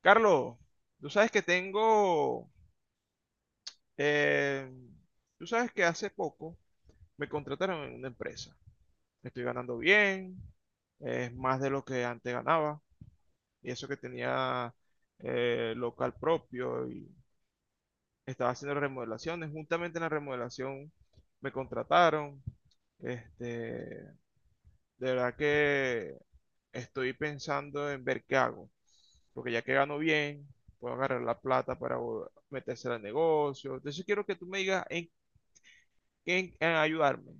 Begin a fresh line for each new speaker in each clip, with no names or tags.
Carlos, tú sabes que tengo, eh, tú sabes que hace poco me contrataron en una empresa. Estoy ganando bien, es más de lo que antes ganaba, y eso que tenía local propio y estaba haciendo remodelaciones. Juntamente en la remodelación me contrataron. Este, de verdad que estoy pensando en ver qué hago, porque ya que gano bien, puedo agarrar la plata para meterse al negocio. Entonces quiero que tú me digas en ayudarme,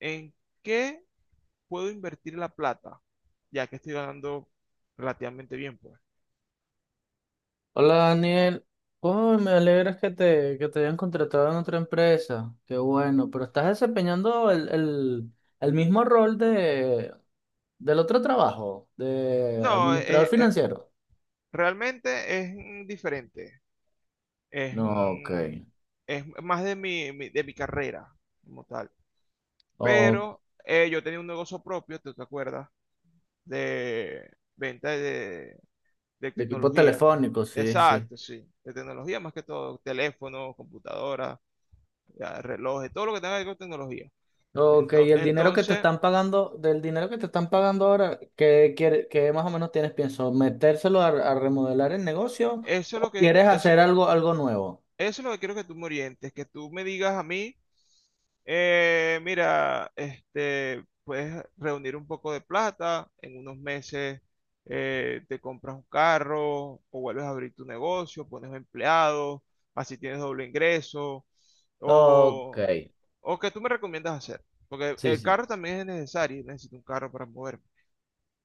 en qué puedo invertir la plata, ya que estoy ganando relativamente bien, pues.
Hola Daniel, oh, me alegra que te hayan contratado en otra empresa, qué bueno, pero estás desempeñando el mismo rol del otro trabajo, de
No,
administrador financiero.
realmente es diferente, es,
No, ok,
mm, es más de de mi carrera como tal.
o
Pero yo tenía un negocio propio, ¿tú te acuerdas? De venta de
de equipo
tecnología.
telefónico, sí, sí.
Exacto, sí. De tecnología más que todo, teléfonos, computadoras, ya, relojes, todo lo que tenga que ver con tecnología.
Ok, y
Ento-
el dinero que te
Entonces,
están pagando, del dinero que te están pagando ahora, ¿qué más o menos tienes pienso? ¿Metérselo a remodelar el negocio
eso es lo
o
que,
quieres
eso,
hacer algo nuevo?
Eso es lo que quiero que tú me orientes, que tú me digas a mí, mira, este, puedes reunir un poco de plata, en unos meses te compras un carro o vuelves a abrir tu negocio, pones empleados, así tienes doble ingreso,
Ok,
o, o que tú me recomiendas hacer, porque
sí,
el
sí.
carro también es necesario, necesito un carro para moverme,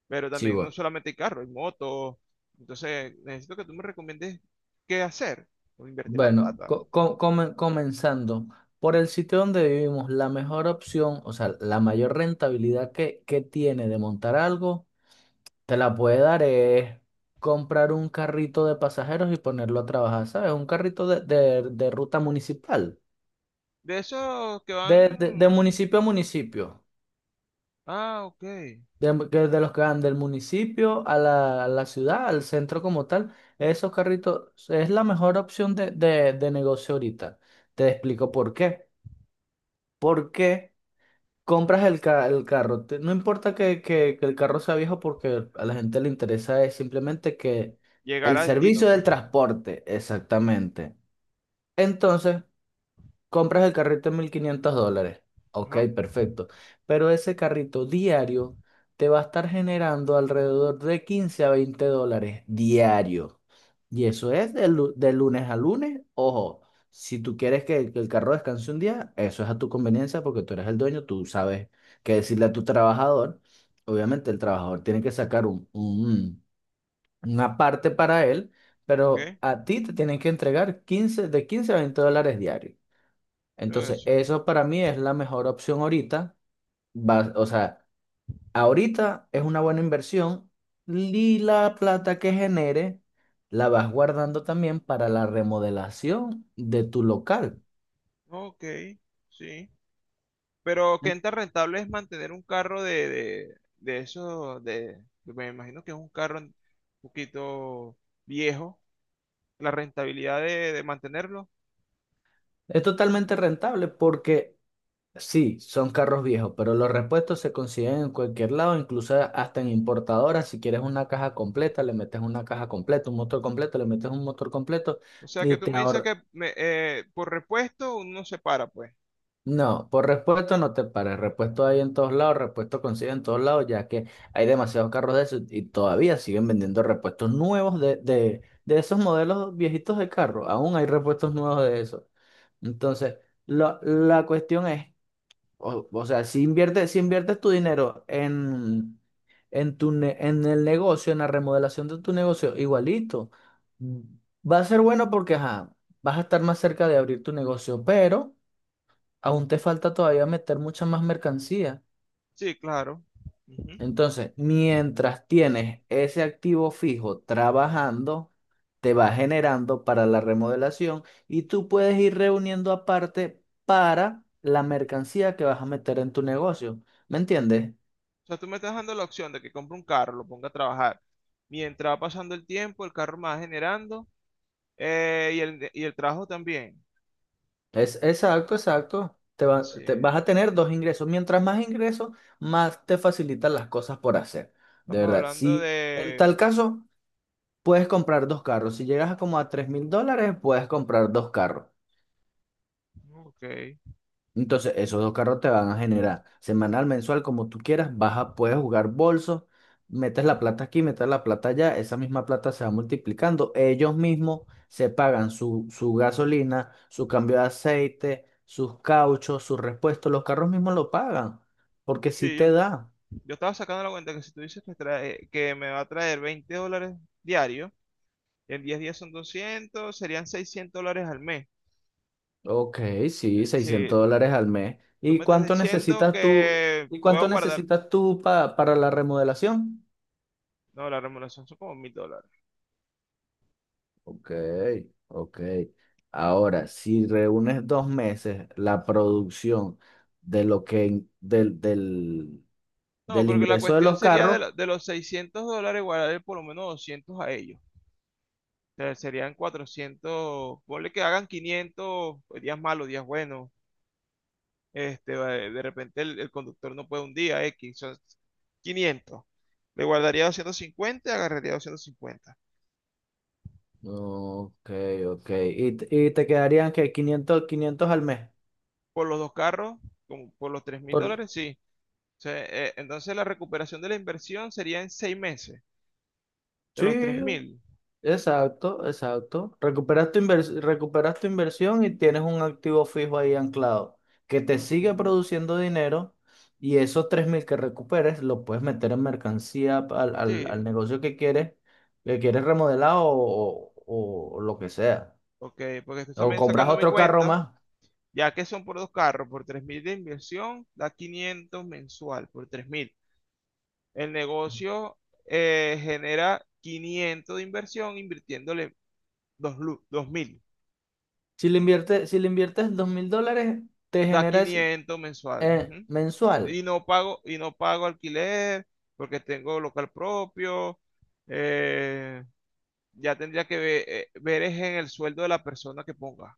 pero
Sí,
también no
bueno.
solamente hay carro, hay motos, entonces necesito que tú me recomiendes qué hacer, o invertir la
Bueno,
plata.
comenzando por el sitio donde vivimos, la mejor opción, o sea, la mayor rentabilidad que tiene de montar algo, te la puede dar es comprar un carrito de pasajeros y ponerlo a trabajar, ¿sabes? Un carrito de ruta municipal,
De esos que
de
van.
municipio a municipio,
Ah, ok.
de los que van del municipio a la ciudad, al centro como tal, esos carritos es la mejor opción de negocio ahorita. Te explico por qué. ¿Por qué? Compras el carro. No importa que el carro sea viejo porque a la gente le interesa es simplemente que
Llegar
el
a destino,
servicio del
pues.
transporte, exactamente. Entonces, compras el carrito en $1.500. Ok,
Ajá.
perfecto. Pero ese carrito diario te va a estar generando alrededor de 15 a 20 dólares diario. Y eso es de lunes a lunes. Ojo, si tú quieres que el carro descanse un día, eso es a tu conveniencia porque tú eres el dueño, tú sabes qué decirle a tu trabajador. Obviamente el trabajador tiene que sacar una parte para él,
Ok.
pero a ti te tienen que entregar 15 a 20 dólares diarios.
Todo
Entonces,
eso.
eso para mí es la mejor opción ahorita. O sea, ahorita es una buena inversión y la plata que genere la vas guardando también para la remodelación de tu local.
Ok. Sí. Pero qué
En-
tan rentable es mantener un carro de esos. Me imagino que es un carro un poquito viejo. La rentabilidad de mantenerlo.
Es totalmente rentable porque sí, son carros viejos, pero los repuestos se consiguen en cualquier lado, incluso hasta en importadoras. Si quieres una caja completa, le metes una caja completa, un motor completo, le metes un motor completo
O sea
y
que tú
te
me dices
ahorras.
que por repuesto uno se para, pues.
No, por repuesto no te pares. Repuesto hay en todos lados, repuesto consigue en todos lados, ya que hay demasiados carros de esos y todavía siguen vendiendo repuestos nuevos de esos modelos viejitos de carro. Aún hay repuestos nuevos de esos. Entonces, la cuestión es, o sea, si inviertes tu dinero en el negocio, en la remodelación de tu negocio, igualito, va a ser bueno porque ajá, vas a estar más cerca de abrir tu negocio, pero aún te falta todavía meter mucha más mercancía.
Sí, claro. Ujú.
Entonces, mientras tienes ese activo fijo trabajando, te va generando para la remodelación y tú puedes ir reuniendo aparte para la mercancía que vas a meter en tu negocio. ¿Me entiendes?
O sea, tú me estás dando la opción de que compre un carro, lo ponga a trabajar. Mientras va pasando el tiempo, el carro me va generando y el trabajo también.
Es exacto, exacto. Te va-
Sí,
te- vas a tener dos ingresos. Mientras más ingresos, más te facilitan las cosas por hacer. De
estamos
verdad,
hablando
si en
de...
tal caso, puedes comprar dos carros. Si llegas a como a $3.000, puedes comprar dos carros.
Ok.
Entonces, esos dos carros te van a generar semanal, mensual, como tú quieras. Puedes jugar bolsos, metes la plata aquí, metes la plata allá. Esa misma plata se va multiplicando. Ellos mismos se pagan su gasolina, su cambio de aceite, sus cauchos, sus repuestos. Los carros mismos lo pagan porque sí
Sí,
te da.
yo estaba sacando la cuenta que si tú dices que, que me va a traer $20 diario, en 10 días son 200, serían $600 al mes.
Ok, sí,
Si
$600 al mes.
tú
¿Y
me estás
cuánto
diciendo
necesitas tú?
que
¿Y
puedo
cuánto
guardar...
necesitas tú para la remodelación?
No, la remuneración son como $1.000.
Ok, ok. Ahora, si reúnes 2 meses la producción de lo que in- del, del,
No,
del
porque la
ingreso de
cuestión
los
sería de,
carros.
la- de los $600, guardar por lo menos 200 a ellos. O sea, serían 400. Ponle que hagan 500, pues, días malos, días buenos. Este, de repente el conductor no puede un día, X, son 500. Le guardaría 250, agarraría 250.
Ok, ok. Y te quedarían que quinientos al mes.
Por los dos carros, como por los tres mil
Por,
dólares, sí. O sea, entonces la recuperación de la inversión sería en 6 meses, de
sí,
los 3.000.
exacto, exacto. Recuperas tu inversión y tienes un activo fijo ahí anclado que te
Ok.
sigue produciendo dinero y esos 3.000 que recuperes lo puedes meter en mercancía al, al-
Sí,
al negocio que quieres remodelar o lo que sea.
ok, porque estoy
O
también
compras
sacando mi
otro carro
cuenta.
más.
Ya que son por dos carros, por 3.000 de inversión, da 500 mensual, por 3.000. El negocio genera 500 de inversión invirtiéndole 2.000,
Si le inviertes $2.000, te
da
generas
500 mensual. Ujú.
mensual.
Y no pago alquiler porque tengo local propio. eh, ya tendría que ver, es en el sueldo de la persona que ponga.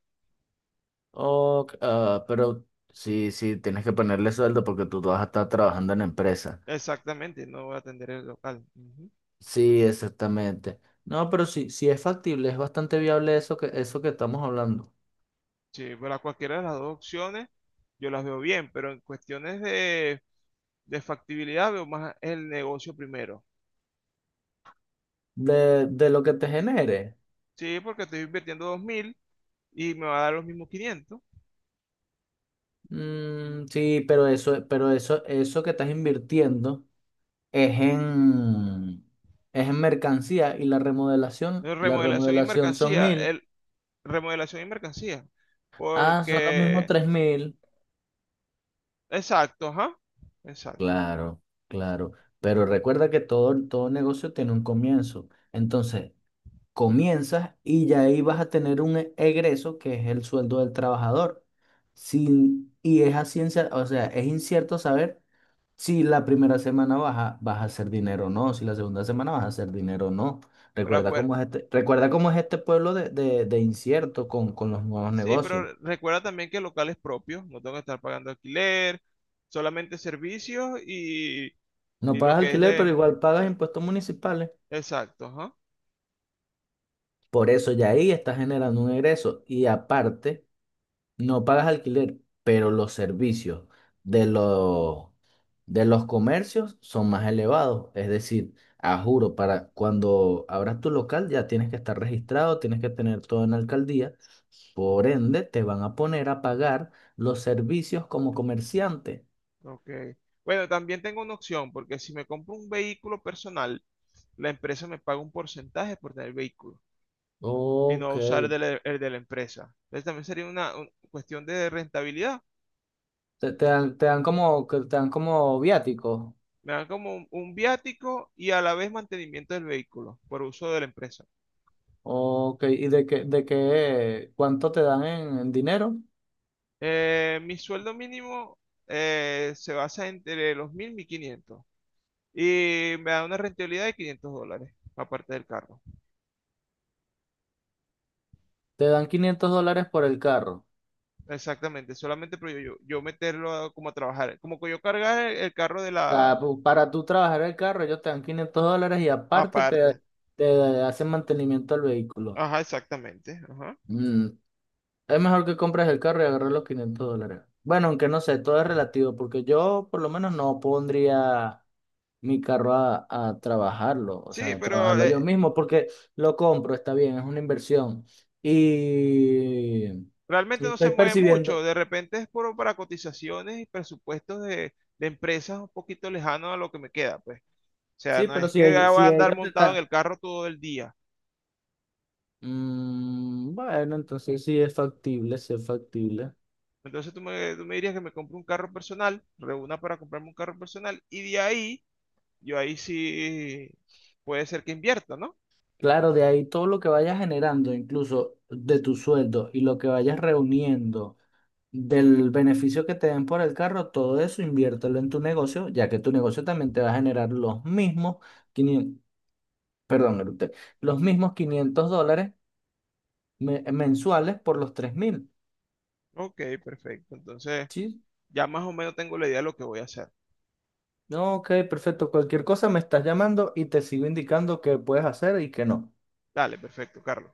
Ok, ah, pero sí, sí, tienes que ponerle sueldo porque tú vas a estar trabajando en empresa.
Exactamente, no voy a atender el local. Ujú.
Sí, exactamente. No, pero sí, sí es factible, es bastante viable eso que estamos hablando.
Sí, para cualquiera de las dos opciones yo las veo bien, pero en cuestiones de factibilidad veo más el negocio primero.
De lo que te genere.
Sí, porque estoy invirtiendo 2.000 y me va a dar los mismos 500.
Mm, sí, pero eso que estás invirtiendo es en, es en mercancía y la remodelación, la
Remodelación y
remodelación son
mercancía,
1.000.
remodelación y mercancía.
Ah, son los mismos
Porque,
3.000.
exacto, ajá, exacto.
Claro, claro. Pero recuerda que todo negocio tiene un comienzo. Entonces, comienzas y ya ahí vas a tener un egreso que es el sueldo del trabajador. Sin, y es a ciencia, o sea, es incierto saber si la primera semana vas a hacer dinero o no, si la segunda semana vas a hacer dinero o no.
Pero
Recuerda
acuer-
cómo es este, recuerda cómo es este pueblo de incierto con los nuevos
sí,
negocios.
pero recuerda también que locales propios, no tengo que estar pagando alquiler, solamente servicios y,
No
y lo
pagas
que es
alquiler, pero
de,
igual pagas impuestos municipales.
exacto, ajá.
Por eso ya ahí estás generando un egreso. Y aparte, no pagas alquiler, pero los servicios de los de los comercios son más elevados. Es decir, a juro, para cuando abras tu local ya tienes que estar registrado, tienes que tener todo en la alcaldía. Por ende, te van a poner a pagar los servicios como comerciante.
Ok. Bueno, también tengo una opción, porque si me compro un vehículo personal, la empresa me paga un porcentaje por tener vehículo y no
Ok.
usar el el de la empresa. Entonces también sería cuestión de rentabilidad.
Que te dan como viáticos.
Me dan como un viático y a la vez mantenimiento del vehículo por uso de la empresa.
Ok, ¿y cuánto te dan en dinero?
Mi sueldo mínimo se basa entre los 1.000 y 1.500 y me da una rentabilidad de $500, aparte del carro.
Te dan $500 por el carro.
Exactamente, solamente pero yo como a trabajar, como que yo cargar el carro de la
Sea, para tú trabajar el carro, ellos te dan $500 y aparte te,
aparte.
te hacen mantenimiento al vehículo.
Ajá, exactamente. Ajá.
Mm, Es mejor que compres el carro y agarres los $500. Bueno, aunque no sé, todo es relativo, porque yo por lo menos no pondría mi carro a trabajarlo, o sea,
Sí,
a
pero
trabajarlo yo mismo, porque lo compro, está bien, es una inversión. Y, y
realmente no se
estoy
mueve
percibiendo,
mucho. De repente es por, para cotizaciones y presupuestos de empresas un poquito lejanos a lo que me queda, pues. O sea,
sí,
no
pero
es
si,
que voy
ell-
a
si
andar
ellos te
montado en
están.
el carro todo el día.
Bueno, entonces sí es factible, sí es factible.
Entonces tú me dirías que me compre un carro personal, reúna para comprarme un carro personal y de ahí, yo ahí sí puede ser que invierta, ¿no?
Claro, de ahí todo lo que vayas generando, incluso de tu sueldo y lo que vayas reuniendo, del beneficio que te den por el carro, todo eso inviértelo en tu negocio, ya que tu negocio también te va a generar los mismos 500, perdón, eructé, los mismos $500 mensuales por los 3.000,
Ok, perfecto. Entonces...
¿sí?
Ya más o menos tengo la idea de lo que voy a hacer.
No, ok, perfecto. Cualquier cosa me estás llamando y te sigo indicando qué puedes hacer y qué no.
Dale, perfecto, Carlos.